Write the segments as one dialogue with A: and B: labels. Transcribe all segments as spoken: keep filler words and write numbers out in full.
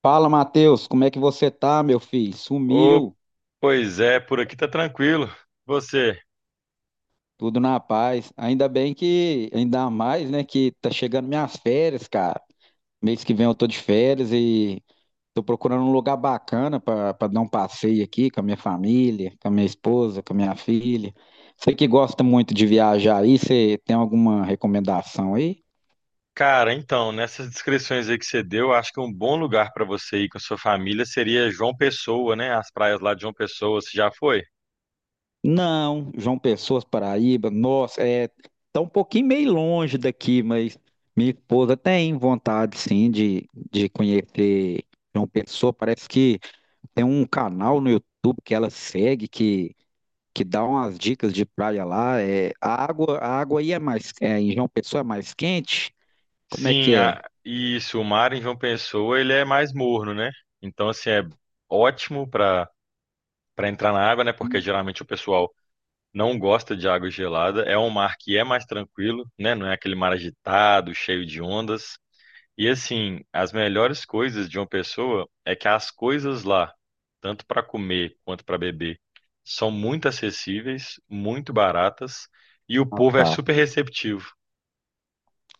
A: Fala, Matheus, como é que você tá, meu filho?
B: Ô,
A: Sumiu,
B: pois é, por aqui tá tranquilo. Você,
A: tudo na paz. Ainda bem que, ainda mais, né, que tá chegando minhas férias, cara. Mês que vem eu tô de férias e tô procurando um lugar bacana pra pra dar um passeio aqui com a minha família, com a minha esposa, com a minha filha. Você que gosta muito de viajar aí, você tem alguma recomendação aí?
B: cara, então, nessas descrições aí que você deu, acho que um bom lugar pra você ir com a sua família seria João Pessoa, né? As praias lá de João Pessoa, você já foi?
A: Não, João Pessoa, Paraíba, nossa, é, tá um pouquinho meio longe daqui, mas minha esposa tem vontade, sim, de, de conhecer João Pessoa. Parece que tem um canal no YouTube que ela segue, que, que dá umas dicas de praia lá. É, a água, a água aí é mais, é, em João Pessoa é mais quente? Como é que
B: Sim,
A: é?
B: a- isso, o mar em João Pessoa, ele é mais morno, né? Então, assim, é ótimo pra para entrar na água, né? Porque
A: Hum.
B: geralmente o pessoal não gosta de água gelada. É um mar que é mais tranquilo, né? Não é aquele mar agitado, cheio de ondas. E assim, as melhores coisas de uma pessoa é que as coisas lá, tanto para comer quanto para beber, são muito acessíveis, muito baratas e o
A: Ah,
B: povo é
A: tá.
B: super receptivo.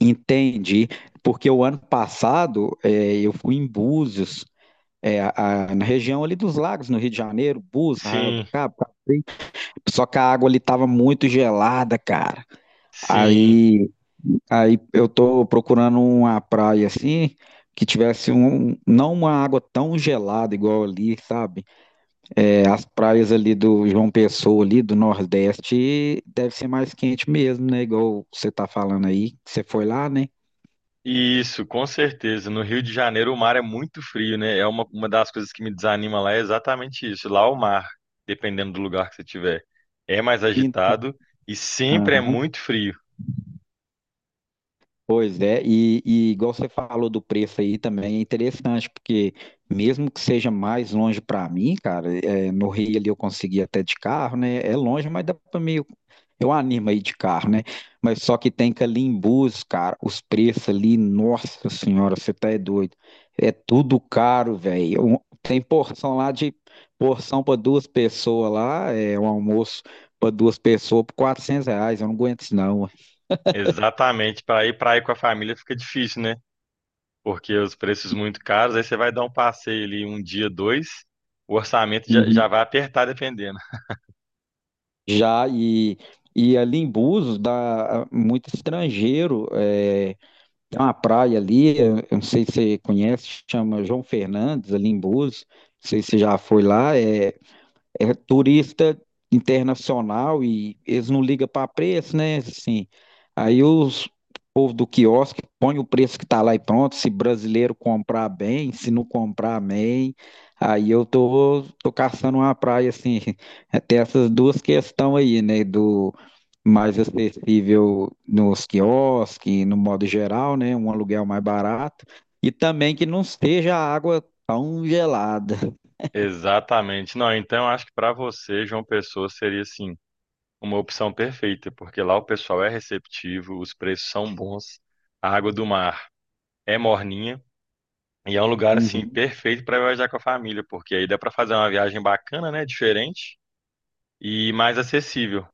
A: Entendi, porque o ano passado, é, eu fui em Búzios. É, a- a- na região ali dos lagos, no Rio de Janeiro, Búzios, Arraial do
B: Sim,
A: Cabo, Cacém. Só que a água ali tava muito gelada, cara.
B: sim.
A: Aí, aí eu tô procurando uma praia assim, que tivesse um, um, não uma água tão gelada igual ali, sabe? É, as praias ali do João Pessoa, ali do Nordeste, deve ser mais quente mesmo, né? Igual você tá falando aí, que você foi lá, né?
B: E isso, com certeza. No Rio de Janeiro o mar é muito frio, né? É uma, uma das coisas que me desanima lá é exatamente isso. Lá o mar, dependendo do lugar que você tiver, é mais agitado e sempre é
A: Então,
B: muito frio.
A: pois é, e, e igual você falou do preço aí também é interessante, porque mesmo que seja mais longe para mim, cara, é, no Rio ali eu consegui até de carro, né? É longe, mas dá para meio. Eu animo aí de carro, né? Mas só que tem que ali em Búzios, cara, os preços ali, nossa senhora, você tá é doido. É tudo caro, velho. Um- Tem porção lá de porção para duas pessoas lá, é um almoço para duas pessoas por quatrocentos reais, eu não aguento isso não.
B: Exatamente, para ir para ir com a família fica difícil, né? Porque os preços muito caros, aí você vai dar um passeio ali um dia, dois, o orçamento já, já vai apertar dependendo.
A: Já, e, e ali em Búzios dá ah, muito estrangeiro. É, tem uma praia ali, eu não sei se você conhece, chama João Fernandes, ali em Búzios. Não sei se você já foi lá. É, é turista internacional e eles não ligam para preço, né? Assim, aí os povo do quiosque põe o preço que tá lá e pronto. Se brasileiro comprar bem, se não comprar bem, aí eu tô, tô, caçando uma praia assim. Tem essas duas questões aí, né? Do mais acessível nos quiosques, no modo geral, né? Um aluguel mais barato. E também que não esteja a água tão gelada.
B: Exatamente. Não, então eu acho que para você, João Pessoa, seria assim, uma opção perfeita, porque lá o pessoal é receptivo, os preços são bons, a água do mar é morninha. E é um lugar assim
A: Uhum.
B: perfeito para viajar com a família, porque aí dá para fazer uma viagem bacana, né, diferente e mais acessível.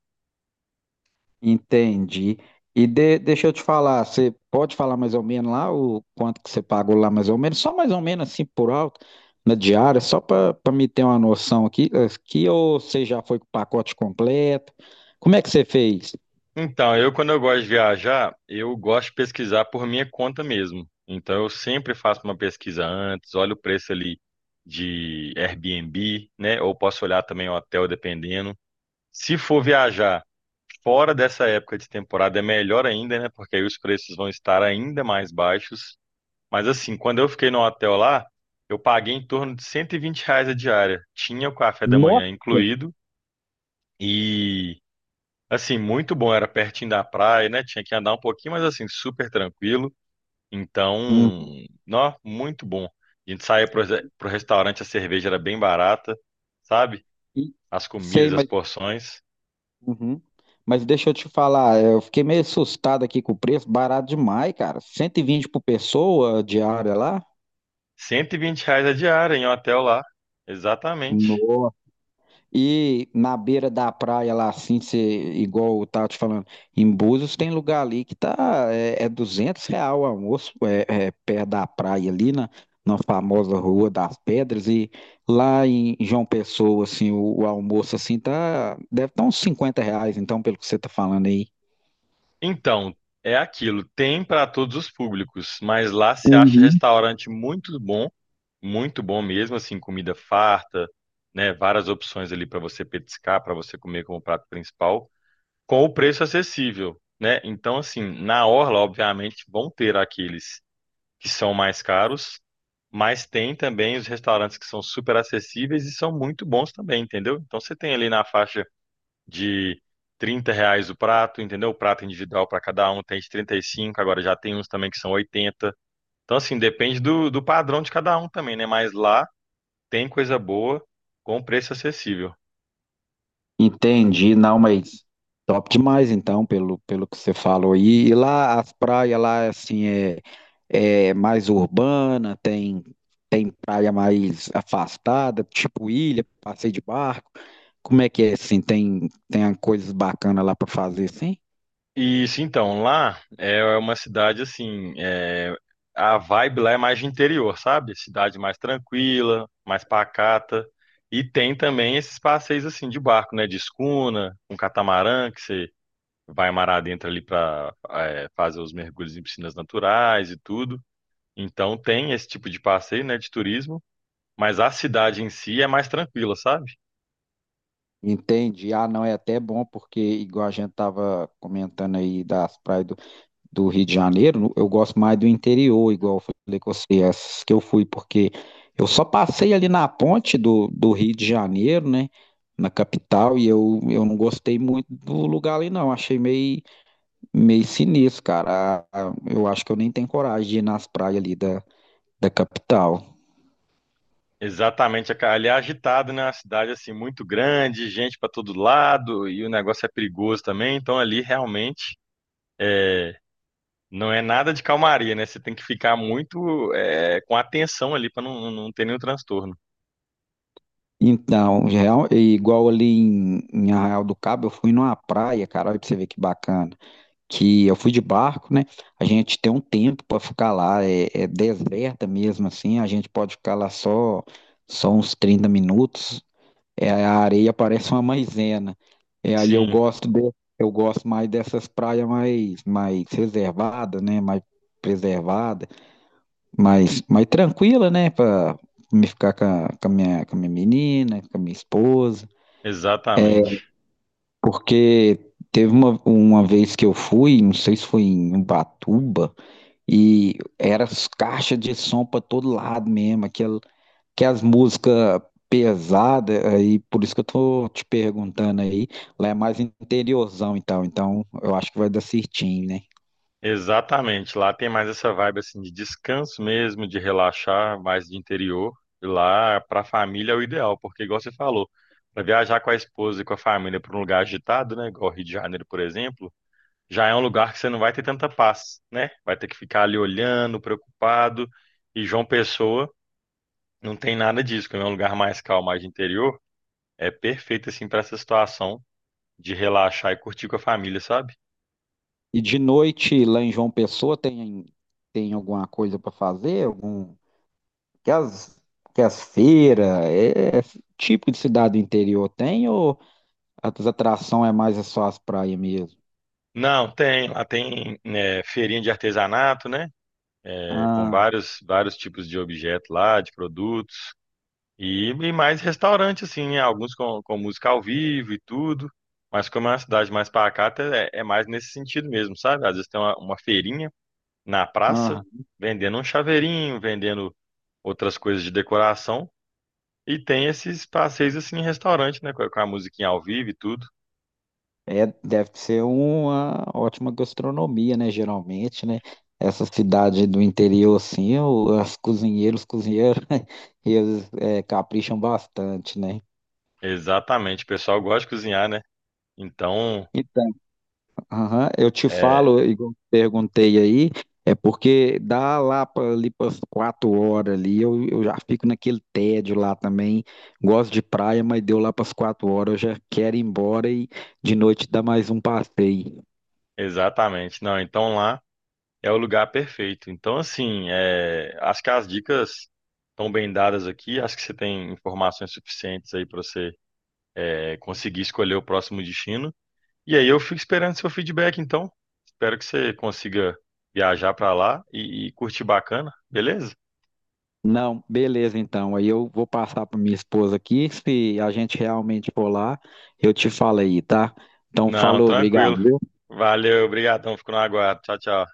A: Entendi. E de- deixa eu te falar, você pode falar mais ou menos lá o quanto que você pagou lá mais ou menos? Só mais ou menos assim por alto, na diária, só para me ter uma noção aqui, aqui ou você já foi com o pacote completo? Como é que você fez?
B: Então, eu quando eu gosto de viajar, eu gosto de pesquisar por minha conta mesmo. Então, eu sempre faço uma pesquisa antes, olho o preço ali de Airbnb, né? Ou posso olhar também o hotel, dependendo. Se for viajar fora dessa época de temporada, é melhor ainda, né? Porque aí os preços vão estar ainda mais baixos. Mas assim, quando eu fiquei no hotel lá, eu paguei em torno de cento e vinte reais a diária. Tinha o café da manhã
A: Nossa.
B: incluído e assim, muito bom, era pertinho da praia, né? Tinha que andar um pouquinho, mas assim, super tranquilo. Então,
A: Uhum.
B: nó, muito bom. A gente saía pro, pro restaurante, a cerveja era bem barata, sabe?
A: E-
B: As
A: Sei,
B: comidas, as
A: mas,
B: porções.
A: uhum. Mas deixa eu te falar, eu fiquei meio assustado aqui com o preço, barato demais, cara. Cento e vinte por pessoa diária lá?
B: Cento e vinte reais a diária em um hotel lá. Exatamente.
A: Nossa. E na beira da praia lá, assim, você, igual eu tava te falando, em Búzios tem lugar ali que tá, é, é duzentos real o almoço, é, é perto da praia ali, na, na famosa Rua das Pedras, e lá em João Pessoa, assim, o, o almoço, assim, tá, deve estar uns cinquenta reais, então, pelo que você tá falando aí.
B: Então, é aquilo, tem para todos os públicos, mas lá se acha restaurante muito bom, muito bom mesmo, assim, comida farta, né? Várias opções ali para você petiscar, para você comer como prato principal. Com o preço acessível, né? Então, assim, na orla, obviamente, vão ter aqueles que são mais caros, mas tem também os restaurantes que são super acessíveis e são muito bons também, entendeu? Então, você tem ali na faixa de trinta reais o prato, entendeu? O prato individual para cada um tem de trinta e cinco, agora já tem uns também que são oitenta. Então, assim, depende do, do padrão de cada um também, né? Mas lá tem coisa boa com preço acessível.
A: Entendi, não, mas top demais então, pelo, pelo que você falou aí. E lá as praias lá assim é, é mais urbana, tem tem praia mais afastada, tipo ilha, passeio de barco. Como é que é assim? Tem tem coisas bacanas lá para fazer assim?
B: Isso, então, lá é é uma cidade assim, é, a vibe lá é mais de interior, sabe? Cidade mais tranquila, mais pacata. E tem também esses passeios assim de barco, né? De escuna, um catamarã que você vai mar adentro ali para fazer os mergulhos em piscinas naturais e tudo. Então tem esse tipo de passeio, né? De turismo, mas a cidade em si é mais tranquila, sabe?
A: Entendi. Ah, não, é até bom porque igual a gente tava comentando aí das praias do Rio de Janeiro, eu gosto mais do interior, igual eu falei com você, essas que eu fui, porque eu só passei ali na ponte do, do Rio de Janeiro, né? Na capital, e eu, eu não gostei muito do lugar ali, não. Achei meio, meio sinistro, cara. A- a- Eu acho que eu nem tenho coragem de ir nas praias ali da, da capital.
B: Exatamente, cara. Ali é agitado, né? Uma cidade assim muito grande, gente para todo lado e o negócio é perigoso também. Então ali realmente é, não é nada de calmaria, né? Você tem que ficar muito é, com atenção ali para não, não ter nenhum transtorno.
A: Então, real- igual ali em, em Arraial do Cabo, eu fui numa praia, cara, olha pra você ver que bacana. Que eu fui de barco, né? A gente tem um tempo para ficar lá, é, é deserta mesmo assim, a gente pode ficar lá só, só uns trinta minutos, é, a areia parece uma maisena. É, aí eu
B: Sim,
A: gosto de, eu gosto mais dessas praias mais, mais reservadas, né? Mais preservada, mais, mais tranquila, né? Para me ficar com a, com a minha, com a minha menina, com a minha esposa. É,
B: exatamente,
A: porque teve uma, uma vez que eu fui, não sei se foi em Ubatuba, e era as caixas de som para todo lado mesmo, aquela, aquelas músicas pesadas, aí por isso que eu tô te perguntando aí. Lá é mais interiorzão e tal, então eu acho que vai dar certinho, né?
B: exatamente. Lá tem mais essa vibe assim de descanso mesmo, de relaxar, mais de interior. E lá para a família é o ideal, porque igual você falou, para viajar com a esposa e com a família para um lugar agitado, né? Igual Rio de Janeiro, por exemplo já é um lugar que você não vai ter tanta paz, né? Vai ter que ficar ali olhando, preocupado. E João Pessoa não tem nada disso, como é um lugar mais calmo, mais de interior, é perfeito assim para essa situação de relaxar e curtir com a família, sabe?
A: E de noite lá em João Pessoa tem, tem, alguma coisa para fazer? Algum, que as, que as feiras, é, é tipo de cidade do interior tem ou as atrações é mais só as praias mesmo?
B: Não, tem, lá tem né, feirinha de artesanato, né? É, com vários, vários tipos de objetos lá, de produtos, e, e mais restaurante, assim, né? Alguns com, com música ao vivo e tudo. Mas como é uma cidade mais pacata, é, é mais nesse sentido mesmo, sabe? Às vezes tem uma, uma feirinha na praça,
A: Ah,
B: vendendo um chaveirinho, vendendo outras coisas de decoração. E tem esses passeios assim em restaurante, né? Com a com a musiquinha ao vivo e tudo.
A: é, deve ser uma ótima gastronomia, né? Geralmente, né? Essa cidade do interior, assim, o- as cozinheiros, os cozinheiros, eles é, capricham bastante, né?
B: Exatamente, o pessoal gosta de cozinhar, né? Então,
A: Então, aham, eu te
B: é,
A: falo, igual eu perguntei aí, é porque dá lá para ali para quatro horas ali, eu, eu já fico naquele tédio lá também. Gosto de praia, mas deu lá para as quatro horas, eu já quero ir embora e de noite dá mais um passeio.
B: exatamente. Não, então lá é o lugar perfeito. Então, assim, é, acho que as dicas estão bem dadas aqui. Acho que você tem informações suficientes aí para você é, conseguir escolher o próximo destino. E aí eu fico esperando seu feedback, então. Espero que você consiga viajar pra lá e, e curtir bacana, beleza?
A: Não, beleza, então. Aí eu vou passar para minha esposa aqui. Se a gente realmente for lá, eu te falo aí, tá? Então,
B: Não,
A: falou,
B: tranquilo.
A: obrigado.
B: Valeu, obrigadão. Fico no aguardo. Tchau, tchau.